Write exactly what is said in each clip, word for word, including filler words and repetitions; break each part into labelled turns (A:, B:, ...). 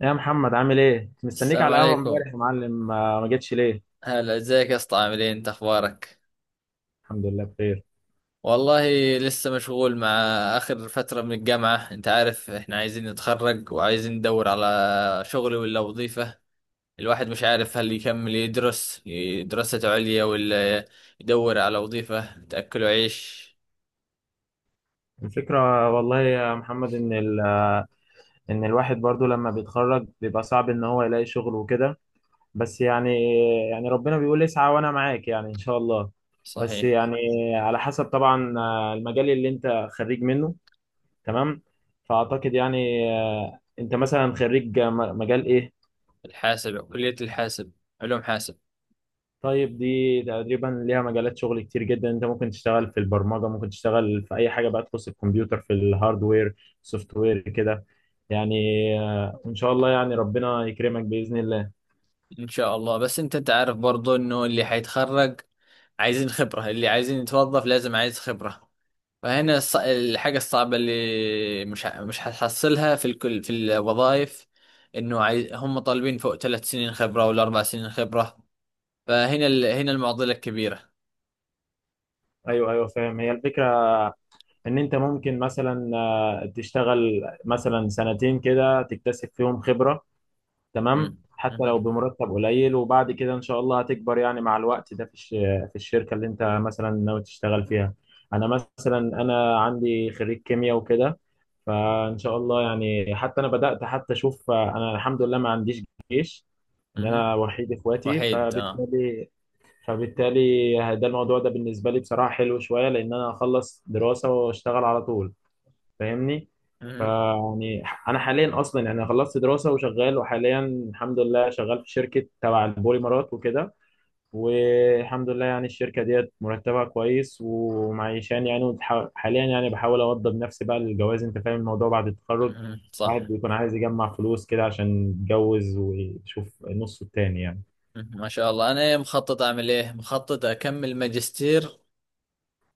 A: يا محمد، عامل ايه؟ كنت مستنيك
B: السلام
A: على القهوة
B: عليكم.
A: امبارح يا معلم، ما ما جتش ليه؟
B: هلا، ازيك يا اسطى؟ عاملين انت اخبارك؟
A: الحمد لله بخير.
B: والله لسه مشغول مع اخر فترة من الجامعة. انت عارف احنا عايزين نتخرج وعايزين ندور على شغل ولا وظيفة. الواحد مش عارف هل يكمل يدرس ي- دراسة عليا ولا يدور على وظيفة تأكله عيش.
A: الفكرة والله يا محمد، ان ال... ان الواحد برضو لما بيتخرج بيبقى صعب ان هو يلاقي شغل وكده. بس يعني يعني ربنا بيقول اسعى وانا معاك، يعني ان شاء الله. بس
B: صحيح.
A: يعني على حسب طبعا، آه، المجال اللي انت خريج منه، تمام؟ فاعتقد يعني، آه، انت مثلا خريج م- مجال ايه؟
B: الحاسب، كلية الحاسب. علوم حاسب.
A: طيب، دي تقريبا ليها مجالات شغل كتير جدا، انت ممكن تشتغل في البرمجة، ممكن تشتغل في اي حاجة بقى تخص الكمبيوتر، في الهاردوير سوفت وير كده، يعني آه، ان شاء الله يعني ربنا يكرمك بإذن الله.
B: ان شاء الله، بس انت تعرف برضو انه اللي هيتخرج عايزين خبرة، اللي عايزين يتوظف لازم عايز خبرة. فهنا الص- الحاجة الصعبة اللي مش ه- مش هتحصلها في الكل في الوظائف، انه عايز، هم طالبين فوق ثلاث سنين خبرة ولا اربع سنين خبرة. فهنا ال... هنا المعضلة الكبيرة.
A: ايوه ايوه، فاهم هي الفكرة، ان انت ممكن مثلا، آه، تشتغل مثلا سنتين كده تكتسب فيهم خبرة، تمام،
B: مم.
A: حتى لو
B: مهم.
A: بمرتب قليل، وبعد كده ان شاء الله هتكبر يعني مع الوقت ده في الش- في الشركة اللي انت مثلا ناوي تشتغل فيها. انا مثلا انا عندي خريج كيمياء وكده، فان شاء الله يعني، حتى انا بدات، حتى اشوف انا الحمد لله ما عنديش جيش، ان
B: مهم.
A: انا وحيد اخواتي،
B: وحيد اه.
A: فبالتالي فبالتالي ده الموضوع ده بالنسبه لي بصراحه حلو شويه، لان انا اخلص دراسه واشتغل على طول، فاهمني.
B: مهم.
A: فيعني انا حاليا اصلا يعني خلصت دراسه وشغال، وحاليا الحمد لله شغال في شركه تبع البوليمرات وكده، والحمد لله يعني الشركة ديت مرتبها كويس ومعيشاني يعني، وبتح- حاليا يعني بحاول أوضب نفسي بقى للجواز، أنت فاهم الموضوع بعد التخرج.
B: مهم. صح.
A: الواحد بيكون عايز يجمع فلوس كده عشان يتجوز ويشوف نصه التاني يعني.
B: مهم. ما شاء الله، انا مخطط اعمل ايه، مخطط اكمل ماجستير،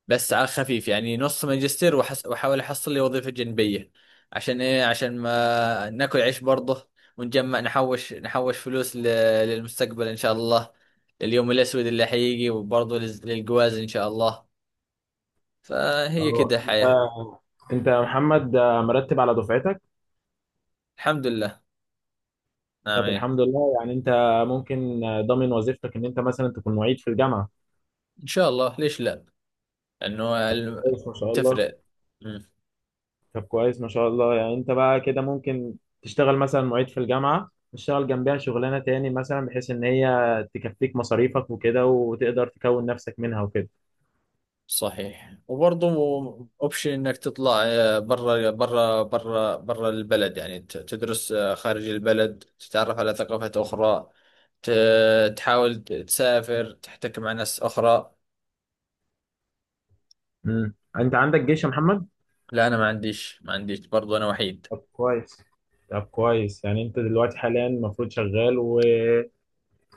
B: بس على خفيف يعني نص ماجستير، وحس... وحاول احصل لي وظيفة جنبية، عشان ايه؟ عشان ما ناكل عيش برضه ونجمع نحوش نحوش فلوس ل... للمستقبل ان شاء الله، لليوم الاسود اللي حيجي، وبرضه لز... للجواز ان شاء الله. فهي
A: اه
B: كده
A: انت
B: حياة.
A: انت يا محمد، آه، مرتب على دفعتك.
B: الحمد لله. نعم
A: طب
B: إيه.
A: الحمد لله، يعني انت ممكن آه، ضامن وظيفتك ان انت مثلا تكون معيد في الجامعة.
B: ان شاء الله، ليش لا؟ انه
A: طب
B: ال-
A: كويس ما شاء الله.
B: تفرق.
A: طب كويس ما شاء الله، يعني انت بقى كده ممكن تشتغل مثلا معيد في الجامعة، تشتغل جنبها شغلانة تاني مثلا، بحيث ان هي تكفيك مصاريفك وكده وتقدر تكون نفسك منها وكده.
B: صحيح. وبرضه اوبشن انك تطلع آه، برا برا برا برا البلد، يعني ت- تدرس آه، خارج البلد، تتعرف على ثقافات اخرى، ت- تحاول ت- تسافر تحتك مع ناس اخرى.
A: امم انت عندك جيش يا محمد؟
B: لا انا ما عنديش، ما عنديش برضه، انا وحيد.
A: طب كويس. طب كويس، يعني انت دلوقتي حاليا المفروض شغال، و...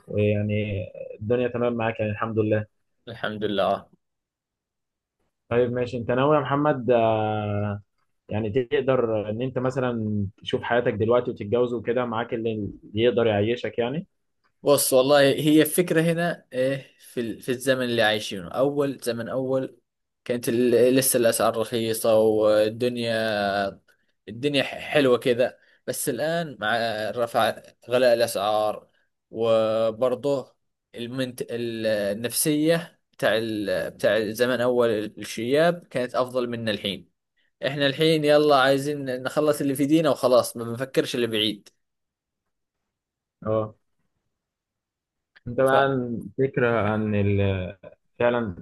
A: ويعني الدنيا تمام معاك يعني الحمد لله.
B: الحمد لله آه.
A: طيب ماشي، انت ناوي يا محمد، آه، يعني تقدر ان انت مثلا تشوف حياتك دلوقتي وتتجوز وكده، معاك اللي اللي يقدر يعيشك يعني.
B: بص، والله هي الفكرة هنا إيه، في ال- في الزمن اللي عايشينه، اول زمن، اول كانت ال- لسه الاسعار رخيصة، والدنيا، الدنيا ح- حلوة كذا. بس الآن مع رفع غلاء الأسعار، وبرضه المنت... ال- النفسية بتاع ال... بتاع زمان، أول الشياب كانت أفضل من الحين. إحنا الحين يلا عايزين نخلص اللي في دينا وخلاص، ما بنفكرش اللي بعيد.
A: اه انت
B: ف
A: بقى عن فكرة عن ال- فعلا،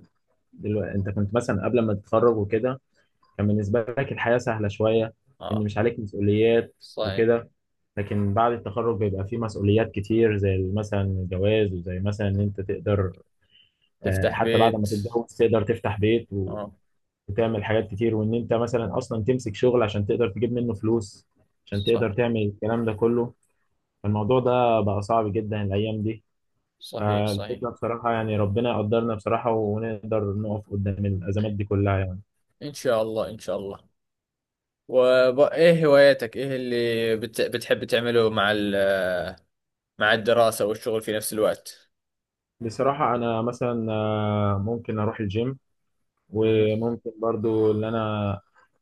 A: دلوقتي انت كنت مثلا قبل ما تتخرج وكده، كان بالنسبة لك الحياة سهلة شوية، ان
B: آه.
A: مش عليك مسؤوليات
B: صحيح.
A: وكده. لكن بعد التخرج بيبقى فيه مسؤوليات كتير، زي مثلا الجواز، وزي مثلا ان انت تقدر، آه،
B: تفتح
A: حتى بعد ما
B: بيت.
A: تتجوز تقدر تفتح بيت و-
B: آه.
A: وتعمل حاجات كتير، وان انت مثلا اصلا تمسك شغل عشان تقدر تجيب منه فلوس عشان تقدر
B: صحيح.
A: تعمل الكلام ده كله. فالموضوع ده بقى صعب جدا الايام دي.
B: صحيح. صحيح.
A: فالفكرة بصراحة، يعني ربنا يقدرنا بصراحة ونقدر نقف قدام الأزمات دي كلها يعني.
B: إن شاء الله، إن شاء الله. وإيه هواياتك؟ إيه اللي بت... بتحب تعمله مع ال... مع الدراسة والشغل في نفس الوقت؟
A: بصراحة أنا مثلا، آه، ممكن أروح الجيم،
B: مم.
A: وممكن برضو إن أنا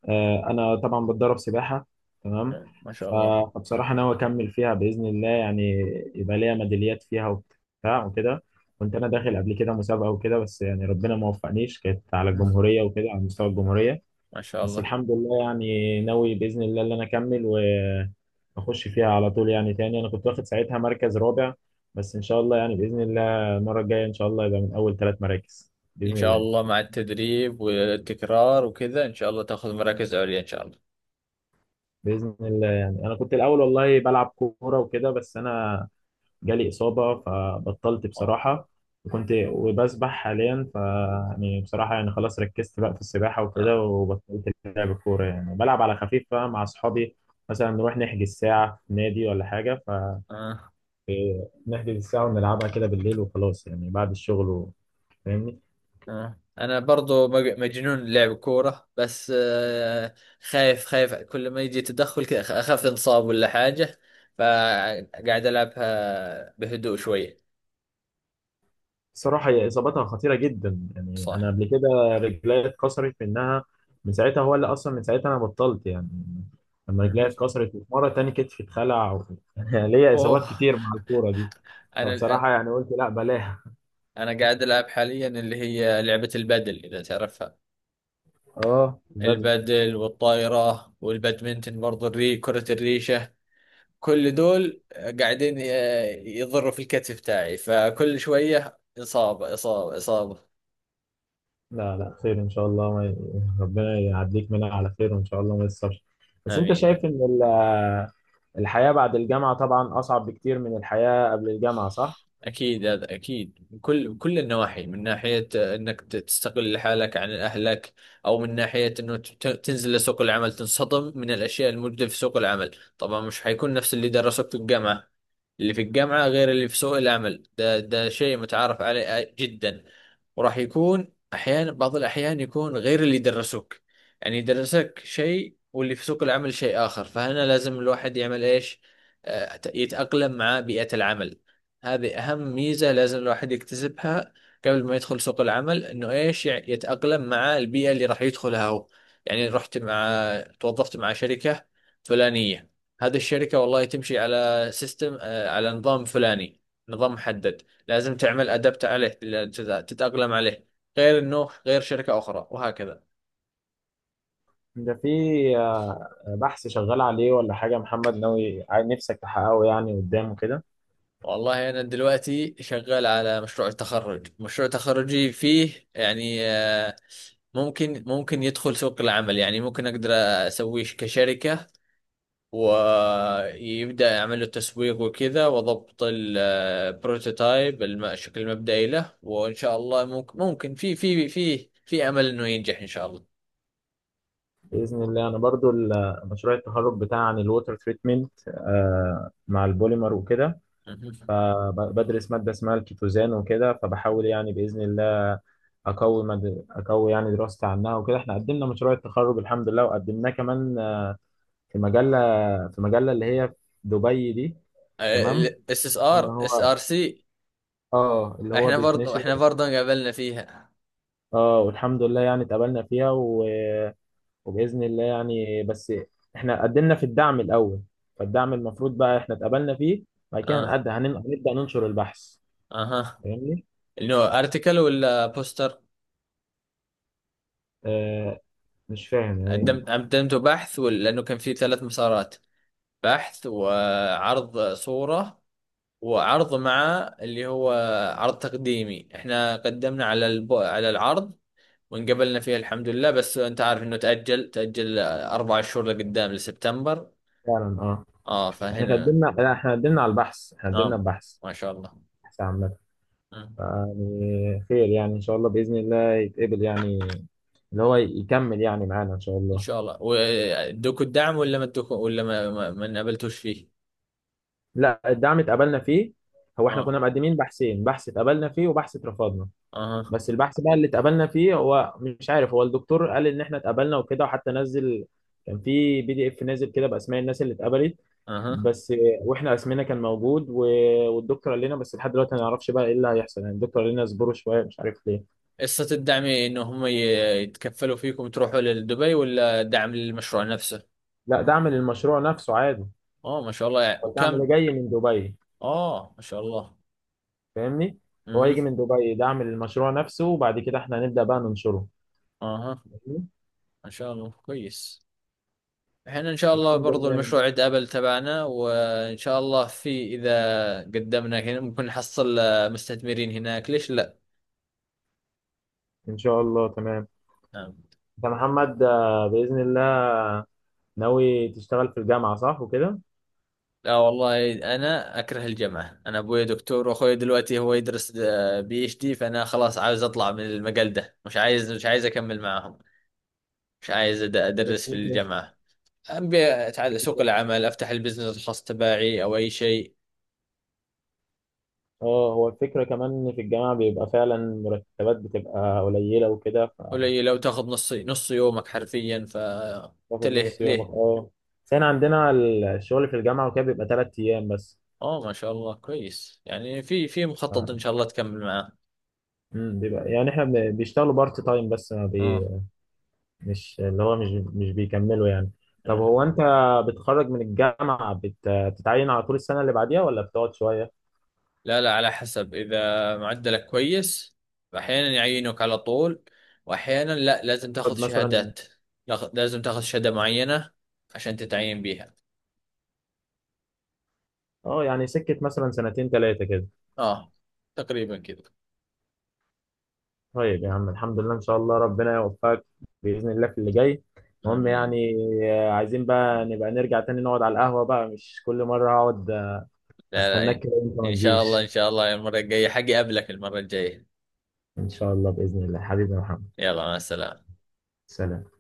A: آه، أنا طبعا بتدرب سباحة، تمام.
B: ما شاء
A: ف-
B: الله.
A: فبصراحة ناوي أكمل فيها بإذن الله يعني، يبقى ليا ميداليات فيها وبتاع وكده. كنت أنا داخل قبل كده مسابقة وكده، بس يعني ربنا ما وفقنيش، كانت على
B: مم.
A: الجمهورية وكده، على مستوى الجمهورية.
B: ما شاء
A: بس
B: الله.
A: الحمد لله، يعني ناوي باذن الله ان انا اكمل واخش فيها على طول يعني تاني، انا كنت واخد ساعتها مركز رابع، بس ان شاء الله يعني باذن الله المره الجايه ان شاء الله يبقى من اول ثلاث مراكز
B: إن
A: باذن
B: شاء
A: الله.
B: الله، مع التدريب والتكرار وكذا إن شاء الله تأخذ مراكز عليا إن شاء الله.
A: باذن الله، يعني انا كنت الاول والله بلعب كوره وكده، بس انا جالي اصابه فبطلت
B: آه.
A: بصراحه. وكنت وبسبح حاليا، ف يعني بصراحه يعني خلاص ركزت بقى في السباحه وكده،
B: آه.
A: وبطلت لعب الكوره، يعني بلعب على خفيف بقى مع اصحابي، مثلا نروح نحجز ساعه في نادي ولا حاجه.
B: آه.
A: إيه، نحجز الساعة ونلعبها كده بالليل وخلاص يعني بعد الشغل و- فاهمني.
B: آه، أنا برضو مج- مجنون لعب كورة، بس آه خايف، خايف كل ما يجي تدخل كذا أخ- أخاف انصاب ولا حاجة، فقاعد ألعبها بهدوء شوية.
A: الصراحة هي إصابتها خطيرة جدا، يعني
B: صح.
A: أنا قبل كده رجلي اتكسرت منها، من ساعتها هو اللي أصلا، من ساعتها أنا بطلت يعني، لما رجلي
B: مهم.
A: اتكسرت، ومرة تاني كتفي اتخلع و... ليا
B: اوه.
A: إصابات كتير مع الكورة دي.
B: انا
A: فبصراحة يعني قلت لا بلاها.
B: انا قاعد العب حاليا اللي هي لعبة البادل اذا تعرفها.
A: اه، بدل.
B: البادل والطايرة والبادمنتن برضه، الري كرة الريشة، كل دول قاعدين ي- يضروا في الكتف تاعي، فكل شوية إصابة إصابة إصابة.
A: لا لا، خير إن شاء الله، ما... ي- ربنا يعديك منها على خير وإن شاء الله ما يصابش. بس أنت
B: آمين.
A: شايف إن الحياة بعد الجامعة طبعا أصعب بكتير من الحياة قبل الجامعة، صح؟
B: أكيد، هذا أكيد، من كل من كل النواحي، من ناحية آه، إنك ت- تستقل حالك عن أهلك، أو من ناحية إنه ت- تنزل لسوق العمل تنصدم من الأشياء الموجودة في سوق العمل. طبعا مش حيكون نفس اللي درسوك في الجامعة، اللي في الجامعة غير اللي في سوق العمل، ده ده شيء متعارف عليه جدا. وراح يكون أحيانا، بعض الأحيان، يكون غير اللي درسوك، يعني درسك شيء واللي في سوق العمل شيء آخر. فهنا لازم الواحد يعمل إيش؟ آه، يتأقلم مع بيئة العمل. هذه أهم ميزة لازم الواحد يكتسبها قبل ما يدخل سوق العمل، إنه إيش يع- يتأقلم مع البيئة اللي راح يدخلها هو. يعني رحت، مع توظفت مع شركة فلانية، هذه الشركة والله تمشي على سيستم، آه، على نظام فلاني، نظام محدد، لازم تعمل أدبت عليه ل- تت- تتأقلم عليه، غير إنه غير شركة أخرى، وهكذا.
A: ده في آه، بحث شغال عليه ولا حاجة، محمد ناوي عايز- نفسك تحققه يعني قدام كده؟
B: والله أنا دلوقتي شغال على مشروع التخرج، مشروع تخرجي فيه يعني آه، ممكن ممكن يدخل سوق العمل يعني، ممكن اقدر اسويه كشركة، ويبدأ يعمل له تسويق وكذا وضبط البروتوتايب، الشكل المبدئي له، وان شاء الله ممكن ممكن في في في في امل انه ينجح ان شاء الله.
A: بإذن الله، أنا برضو ال- مشروع التخرج بتاعي عن الووتر تريتمنت مع البوليمر وكده.
B: مهم.
A: فبدرس مادة اسمها الكيتوزان وكده، فبحاول يعني بإذن الله أقوي مد... أقوي يعني دراستي عنها وكده. إحنا قدمنا مشروع التخرج الحمد لله، وقدمناه كمان آه، في مجلة في مجلة اللي هي في دبي دي، تمام.
B: الاس اس ار،
A: اللي
B: اس
A: هو
B: ار سي.
A: اه اللي هو
B: احنا برضه
A: بيتنشر.
B: احنا برضه قابلنا فيها.
A: اه والحمد لله يعني اتقابلنا فيها و... وبإذن الله يعني، بس احنا قدمنا في الدعم الأول. فالدعم المفروض بقى احنا اتقابلنا فيه، بعد كده
B: اه.
A: هنقد- هنن- هنبدأ ننشر البحث،
B: اها.
A: فاهمني؟
B: انه ارتكل ولا بوستر؟
A: آه مش فاهم يعني
B: قدمت
A: إيه.
B: قدمته بحث ولا، لانه كان في ثلاث مسارات: بحث، وعرض صورة، وعرض مع اللي هو عرض تقديمي. احنا قدمنا على الب... على العرض وانقبلنا فيه الحمد لله، بس انت عارف انه تأجل تأجل اربع شهور لقدام لسبتمبر.
A: فعلا، اه
B: اه
A: احنا
B: فهنا.
A: قدمنا، لا، احنا قدمنا على البحث، احنا قدمنا
B: نعم.
A: البحث
B: ما شاء الله.
A: بحث عامة.
B: آه.
A: يعني خير، يعني ان شاء الله بإذن الله يتقبل يعني، اللي هو يكمل يعني معانا ان شاء
B: ان
A: الله.
B: شاء الله، وادوكوا الدعم ولا ما ادوكوا، ولا ما ما, ما انقبلتوش فيه؟
A: لا، الدعم اتقبلنا فيه، هو احنا
B: اه.
A: كنا مقدمين بحثين، بحث اتقبلنا فيه وبحث اترفضنا.
B: اها.
A: بس البحث بقى اللي اتقبلنا فيه، هو مش عارف، هو الدكتور قال ان احنا اتقبلنا وكده، وحتى نزل كان في بي دي اف نازل كده باسماء الناس اللي اتقبلت.
B: اها.
A: بس واحنا اسمنا كان موجود و... والدكتور قال لنا، بس لحد دلوقتي ما نعرفش بقى ايه اللي هيحصل، يعني الدكتور قال لنا اصبروا شويه، مش عارف ليه.
B: قصة الدعم انه هم ي- يتكفلوا فيكم تروحوا لدبي، ولا دعم للمشروع نفسه؟
A: لا، دعم للمشروع نفسه عادي،
B: اه ما شاء الله، يعني
A: هو الدعم ده
B: وكم؟
A: جاي من دبي،
B: اه ما شاء الله.
A: فاهمني. هو
B: اها.
A: هيجي من دبي دعم للمشروع نفسه، وبعد كده احنا هنبدأ بقى ننشره،
B: اها.
A: فاهمني؟
B: ما شاء الله كويس. احنا ان شاء الله
A: الحمد
B: برضو
A: لله،
B: المشروع عند ابل تبعنا، وان شاء الله في، اذا قدمنا هنا ممكن نحصل آه، مستثمرين هناك، ليش لا؟
A: ان شاء الله تمام.
B: نعم.
A: انت محمد، آه، باذن الله ناوي تشتغل في الجامعه صح وكده.
B: لا والله، انا اكره الجامعه، انا ابوي دكتور واخوي دلوقتي هو يدرس بي اتش دي، فانا خلاص عاوز اطلع من المجال ده، مش عايز مش عايز اكمل معاهم، مش عايز أد- ادرس في الجامعه، ابي اتعلم سوق العمل، افتح البزنس الخاص تبعي او اي شيء.
A: اه، هو الفكره كمان ان في الجامعه بيبقى فعلا مرتبات بتبقى قليله وكده،
B: قليلة وتاخذ نص نص يومك حرفيا، فانت
A: فتاخد
B: ليه،
A: نص يومك،
B: ليه.
A: اه بس احنا عندنا الشغل في الجامعه وكده بيبقى ثلاث ايام بس.
B: اه ما شاء الله كويس، يعني في، في مخطط ان
A: ف-
B: شاء الله تكمل معاه.
A: مم، بيبقى يعني احنا بن- بيشتغلوا بارت تايم، بس ما
B: اه.
A: بي مش اللي هو مش مش بيكملوا يعني. طب
B: آه.
A: هو انت بتخرج من الجامعه بت- بتتعين على طول السنه اللي بعديها ولا بتقعد شويه؟
B: لا لا، على حسب. اذا معدلك كويس احيانا يعينوك على طول، واحيانا لا، لازم تاخذ
A: تقعد مثلا،
B: شهادات، لاخ- لازم تاخذ شهادة معينة عشان تتعين بيها.
A: اه يعني سكة مثلا سنتين ثلاثة كده.
B: اه، تقريبا كذا.
A: طيب يا عم، الحمد لله، ان شاء الله ربنا يوفقك بإذن الله في اللي جاي، المهم
B: امين.
A: يعني، آه، عايزين بقى نبقى نرجع تاني نقعد على القهوة بقى، مش كل مرة اقعد آه،
B: لا
A: استناك
B: لا،
A: كده وانت ما
B: ان شاء الله، ان
A: تجيش.
B: شاء الله المرة الجاية حقي اقابلك المرة الجاية.
A: ان شاء الله بإذن الله حبيبي يا محمد،
B: يلا، مع السلامة.
A: سلام.